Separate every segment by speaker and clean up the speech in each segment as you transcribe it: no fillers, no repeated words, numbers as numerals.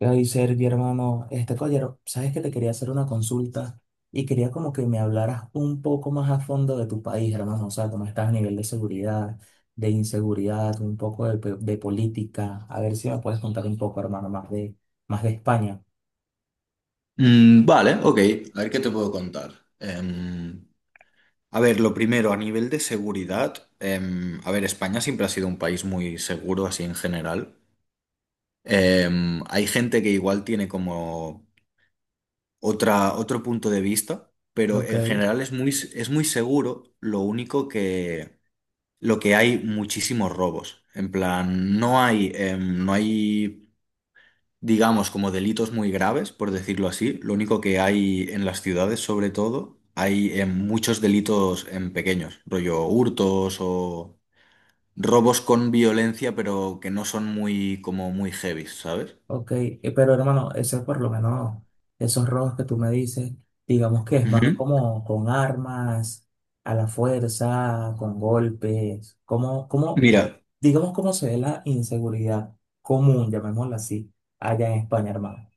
Speaker 1: Ay, Sergio, hermano, este caballero, sabes que te quería hacer una consulta y quería como que me hablaras un poco más a fondo de tu país, hermano, o sea, cómo estás a nivel de seguridad, de inseguridad, un poco de, de política, a ver si me puedes contar un poco, hermano, más de España.
Speaker 2: Vale, ok. A ver qué te puedo contar. Em, a ver, lo primero, a nivel de seguridad, a ver, España siempre ha sido un país muy seguro, así en general. Hay gente que igual tiene como otro punto de vista, pero
Speaker 1: Ok.
Speaker 2: en general es muy seguro. Lo que hay muchísimos robos. En plan, no hay digamos, como delitos muy graves, por decirlo así. Lo único que hay en las ciudades, sobre todo, hay muchos delitos en pequeños, rollo hurtos o robos con violencia, pero que no son muy, como muy heavy, ¿sabes?
Speaker 1: Ok, pero hermano, ese por lo menos, esos robos que tú me dices, digamos que es más
Speaker 2: Ujú.
Speaker 1: como con armas, a la fuerza, con golpes,
Speaker 2: Mira,
Speaker 1: digamos cómo se ve la inseguridad común, llamémosla así, allá en España, hermano.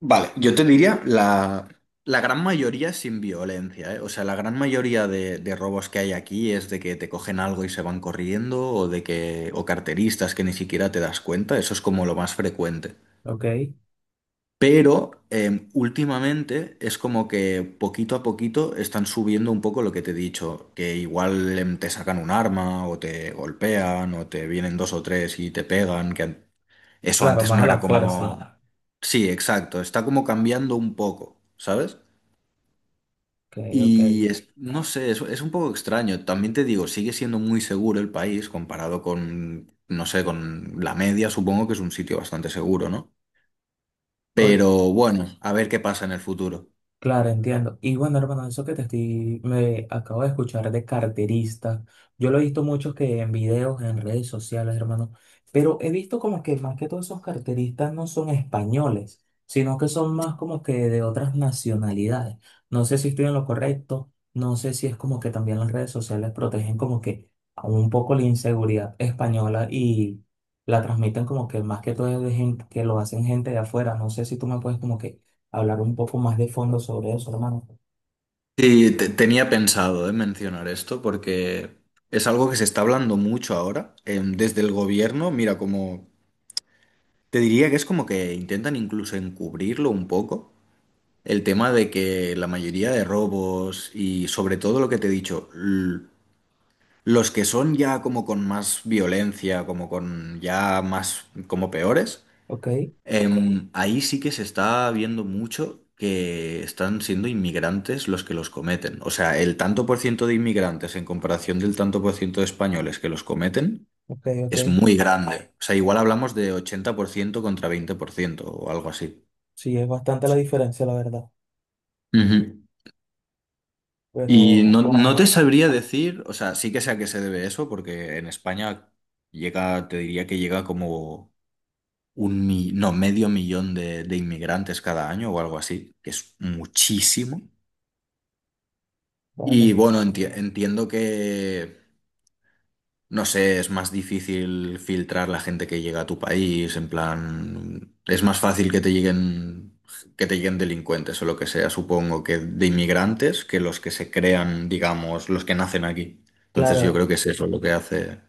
Speaker 2: vale, yo te diría la gran mayoría sin violencia, ¿eh? O sea, la gran mayoría de robos que hay aquí es de que te cogen algo y se van corriendo, o carteristas que ni siquiera te das cuenta, eso es como lo más frecuente.
Speaker 1: Ok,
Speaker 2: Pero últimamente es como que poquito a poquito están subiendo un poco lo que te he dicho, que igual te sacan un arma o te golpean o te vienen dos o tres y te pegan, eso
Speaker 1: claro,
Speaker 2: antes
Speaker 1: más
Speaker 2: no
Speaker 1: a la
Speaker 2: era como
Speaker 1: fuerza.
Speaker 2: mata. Sí, exacto, está como cambiando un poco, ¿sabes?
Speaker 1: Ok,
Speaker 2: No sé, es un poco extraño. También te digo, sigue siendo muy seguro el país comparado con, no sé, con la media, supongo que es un sitio bastante seguro, ¿no?
Speaker 1: ok.
Speaker 2: Pero bueno, a ver qué pasa en el futuro.
Speaker 1: Claro, entiendo. Y bueno, hermano, eso que te estoy, me acabo de escuchar de carterista. Yo lo he visto muchos que en videos, en redes sociales, hermano, pero he visto como que más que todos esos carteristas no son españoles, sino que son más como que de otras nacionalidades. No sé si estoy en lo correcto, no sé si es como que también las redes sociales protegen como que a un poco la inseguridad española y la transmiten como que más que todo es de gente que lo hacen gente de afuera. No sé si tú me puedes como que hablar un poco más de fondo sobre eso, hermano.
Speaker 2: Sí, tenía pensado, mencionar esto porque es algo que se está hablando mucho ahora, desde el gobierno. Mira, como te diría que es como que intentan incluso encubrirlo un poco, el tema de que la mayoría de robos y sobre todo lo que te he dicho, los que son ya como con más violencia, como con ya más, como peores.
Speaker 1: Ok,
Speaker 2: Ahí sí que se está viendo mucho que están siendo inmigrantes los que los cometen. O sea, el tanto por ciento de inmigrantes en comparación del tanto por ciento de españoles que los cometen
Speaker 1: ok, ok.
Speaker 2: es muy grande. O sea, igual hablamos de 80% contra 20% o algo así.
Speaker 1: Sí, es bastante la diferencia, la verdad.
Speaker 2: Ujú. Y
Speaker 1: Pero,
Speaker 2: no
Speaker 1: ajá,
Speaker 2: te sabría decir, o sea, sí que sé a qué se debe eso, porque en España llega, te diría que llega como un, mi- no, medio millón de inmigrantes cada año o algo así, que es muchísimo. Y
Speaker 1: vale.
Speaker 2: bueno, entiendo que, no sé, es más difícil filtrar la gente que llega a tu país, en plan, es más fácil que te lleguen delincuentes o lo que sea, supongo, que de inmigrantes, que los que se crean, digamos, los que nacen aquí. Entonces yo
Speaker 1: Claro,
Speaker 2: creo que es eso lo que hace,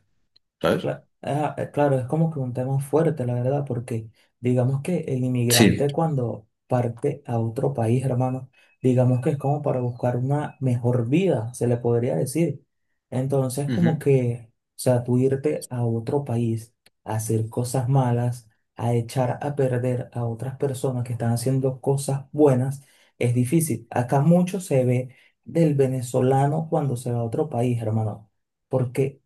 Speaker 2: ¿sabes?
Speaker 1: Claro, es como que un tema fuerte, la verdad, porque digamos que el
Speaker 2: Sí.
Speaker 1: inmigrante cuando parte a otro país, hermano, digamos que es como para buscar una mejor vida, se le podría decir. Entonces, como
Speaker 2: Ujú.
Speaker 1: que, o sea, tú irte a otro país a hacer cosas malas, a echar a perder a otras personas que están haciendo cosas buenas, es difícil. Acá mucho se ve del venezolano cuando se va a otro país, hermano. Porque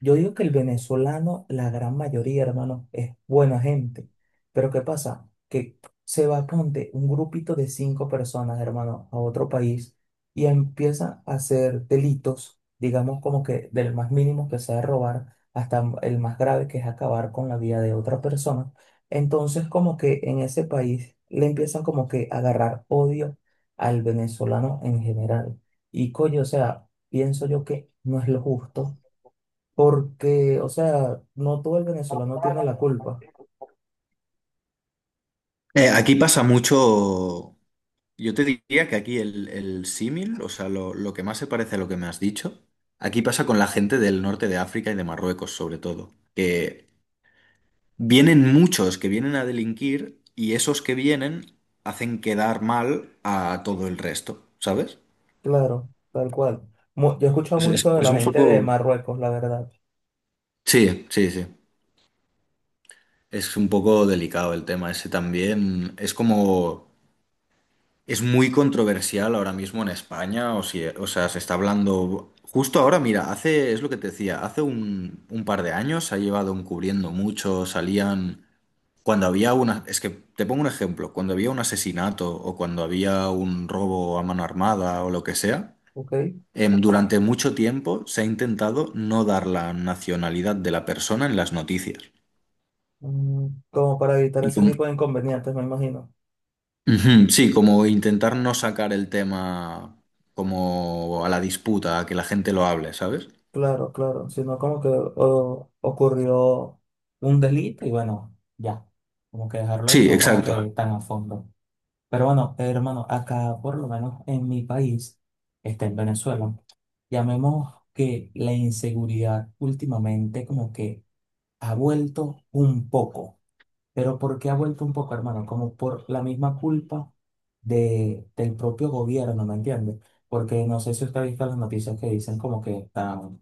Speaker 1: yo digo que el venezolano, la gran mayoría, hermano, es buena gente. Pero ¿qué pasa? Que se va, ponte, un grupito de cinco personas, hermano, a otro país y empieza a hacer delitos, digamos como que del más mínimo que sea robar hasta el más grave que es acabar con la vida de otra persona. Entonces como que en ese país le empiezan como que a agarrar odio al venezolano en general. Y coño, o sea, pienso yo que no es lo justo porque, o sea, no todo el venezolano tiene la culpa,
Speaker 2: Aquí pasa mucho. Yo te diría que aquí el símil, o sea, lo que más se parece a lo que me has dicho, aquí pasa con la gente del norte de África y de Marruecos, sobre todo, que vienen muchos que vienen a delinquir y esos que vienen hacen quedar mal a todo el resto, ¿sabes?
Speaker 1: claro, tal cual. Yo he escuchado mucho de
Speaker 2: Es
Speaker 1: la
Speaker 2: un
Speaker 1: gente de
Speaker 2: poco...
Speaker 1: Marruecos, la verdad,
Speaker 2: Sí, sí, sí. Es un poco delicado el tema ese también. Es como... Es muy controversial ahora mismo en España, o, si- o sea, se está hablando justo ahora, mira, hace, es lo que te decía, hace un par de años se ha llevado encubriendo mucho, salían, cuando había una, es que te pongo un ejemplo, cuando había un asesinato o cuando había un robo a mano armada o lo que sea,
Speaker 1: ¿ok?
Speaker 2: durante mucho tiempo se ha intentado no dar la nacionalidad de la persona en las noticias.
Speaker 1: Mm, como para evitar
Speaker 2: Y
Speaker 1: ese
Speaker 2: con,
Speaker 1: tipo de inconvenientes, me imagino.
Speaker 2: ujú, sí, como intentar no sacar el tema como a la disputa, a que la gente lo hable, ¿sabes?
Speaker 1: Claro, claro, sino como que ocurrió un delito y bueno, ya, como que dejarlo ahí,
Speaker 2: Sí,
Speaker 1: no como
Speaker 2: exacto.
Speaker 1: que tan a fondo. Pero bueno, hermano, acá por lo menos en mi país, este, en Venezuela, llamemos que la inseguridad últimamente como que ha vuelto un poco. Pero ¿por qué ha vuelto un poco, hermano? Como por la misma culpa del propio gobierno, ¿me entiendes? Porque no sé si usted ha visto las noticias que dicen como que están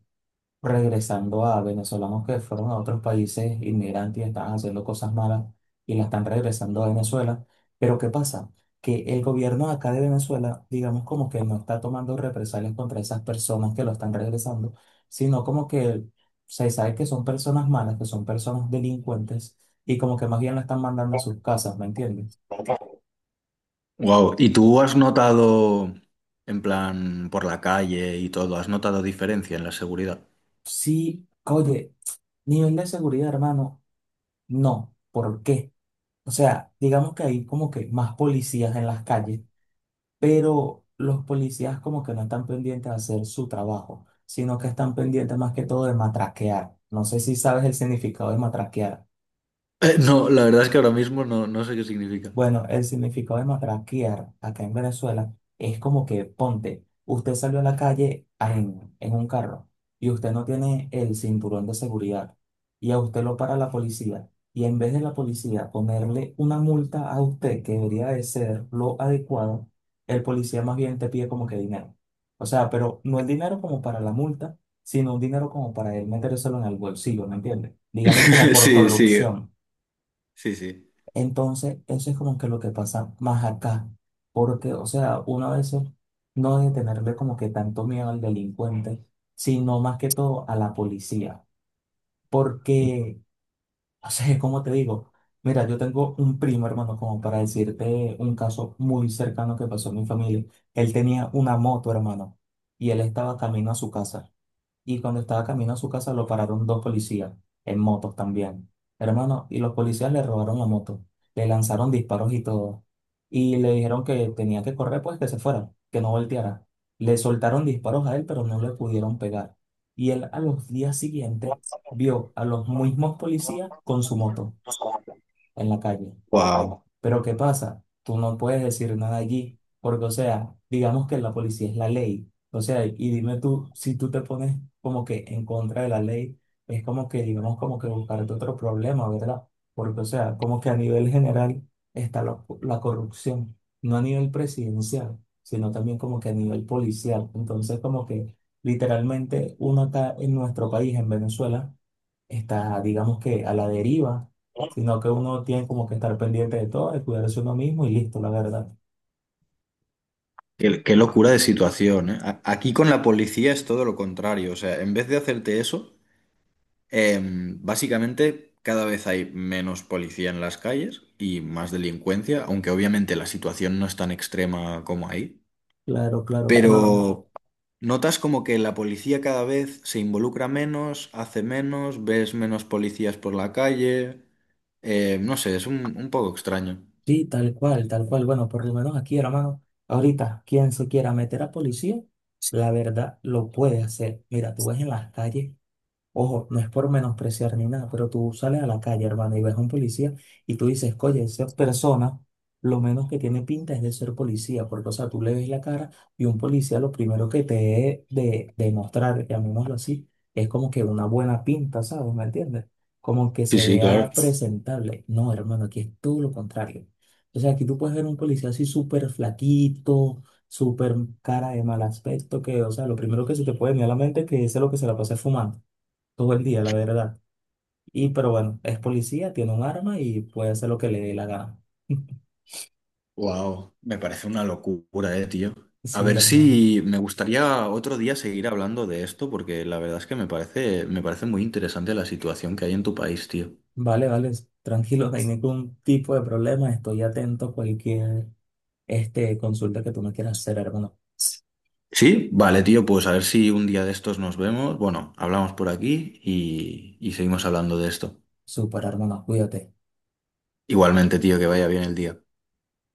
Speaker 1: regresando a venezolanos que fueron a otros países inmigrantes y estaban haciendo cosas malas y la están regresando a Venezuela. Pero ¿qué pasa? Que el gobierno de acá de Venezuela, digamos como que no está tomando represalias contra esas personas que lo están regresando, sino como que se sabe que son personas malas, que son personas delincuentes y como que más bien la están mandando a sus casas, ¿me entiendes?
Speaker 2: Wow. ¿Y tú has notado, en plan, por la calle y todo, has notado diferencia en la seguridad?
Speaker 1: Sí, oye, nivel de seguridad, hermano, no. ¿Por qué? O sea, digamos que hay como que más policías en las calles, pero los policías como que no están pendientes de hacer su trabajo, sino que están pendientes más que todo de matraquear. No sé si sabes el significado de matraquear.
Speaker 2: No, la verdad es que ahora mismo no, no sé qué significa.
Speaker 1: Bueno, el significado de matraquear acá en Venezuela es como que, ponte, usted salió a la calle en un carro y usted no tiene el cinturón de seguridad y a usted lo para la policía y en vez de la policía ponerle una multa a usted que debería de ser lo adecuado, el policía más bien te pide como que dinero. O sea, pero no el dinero como para la multa, sino un dinero como para él metérselo en el bolsillo, ¿me entiende? Digamos como por
Speaker 2: Sí, sí,
Speaker 1: corrupción.
Speaker 2: sí, sí.
Speaker 1: Entonces, eso es como que lo que pasa más acá, porque, o sea, uno a veces no debe tenerle como que tanto miedo al delincuente, sino más que todo a la policía, porque, o sea, como te digo, mira, yo tengo un primo, hermano, como para decirte un caso muy cercano que pasó en mi familia. Él tenía una moto, hermano, y él estaba camino a su casa. Y cuando estaba camino a su casa lo pararon dos policías, en motos también. Hermano, y los policías le robaron la moto, le lanzaron disparos y todo. Y le dijeron que tenía que correr, pues que se fuera, que no volteara. Le soltaron disparos a él, pero no le pudieron pegar. Y él a los días siguientes vio a los mismos policías con su moto en la calle.
Speaker 2: Wow.
Speaker 1: Pero ¿qué pasa? Tú no puedes decir nada allí, porque, o sea, digamos que la policía es la ley. O sea, y dime tú, si tú te pones como que en contra de la ley, es como que, digamos, como que buscarte otro problema, ¿verdad? Porque, o sea, como que a nivel general está la corrupción, no a nivel presidencial, sino también como que a nivel policial. Entonces, como que literalmente uno acá en nuestro país, en Venezuela, está, digamos que a la deriva, sino que uno tiene como que estar pendiente de todo, de cuidarse uno mismo y listo, la verdad.
Speaker 2: Qué, qué locura de situación, ¿eh? Aquí con la policía es todo lo contrario. O sea, en vez de hacerte eso, básicamente, cada vez hay menos policía en las calles y más delincuencia, aunque obviamente la situación no es tan extrema como ahí.
Speaker 1: Claro, claro, no,
Speaker 2: Pero notas como que la policía cada vez se involucra menos, hace menos, ves menos policías por la calle. No sé, es un poco extraño.
Speaker 1: sí, tal cual, tal cual. Bueno, por lo menos aquí, hermano, ahorita, quien se quiera meter a policía, la verdad lo puede hacer. Mira, tú ves en las calles. Ojo, no es por menospreciar ni nada, pero tú sales a la calle, hermano, y ves a un policía y tú dices, oye, esa persona lo menos que tiene pinta es de ser policía, porque, o sea, tú le ves la cara y un policía lo primero que te debe de demostrar, llamémoslo así, es como que una buena pinta, ¿sabes? ¿Me entiendes? Como que
Speaker 2: Sí,
Speaker 1: se
Speaker 2: sí, claro.
Speaker 1: vea presentable. No, hermano, aquí es todo lo contrario. O sea, aquí tú puedes ver un policía así súper flaquito, súper cara de mal aspecto, que, o sea, lo primero que se te puede venir a la mente es que ese es lo que se la pasa fumando todo el día, la verdad. Y pero bueno, es policía, tiene un arma y puede hacer lo que le dé la gana.
Speaker 2: Wow, me parece una locura, tío. A
Speaker 1: Sí,
Speaker 2: ver
Speaker 1: hermano.
Speaker 2: si me gustaría otro día seguir hablando de esto, porque la verdad es que me parece muy interesante la situación que hay en tu país, tío.
Speaker 1: Vale, vale, tranquilo, no hay ningún tipo de problema. Estoy atento a cualquier este, consulta que tú me quieras hacer, hermano.
Speaker 2: Sí, vale, tío, pues a ver si un día de estos nos vemos. Bueno, hablamos por aquí y seguimos hablando de esto.
Speaker 1: Super, hermano, cuídate.
Speaker 2: Igualmente, tío, que vaya bien el día.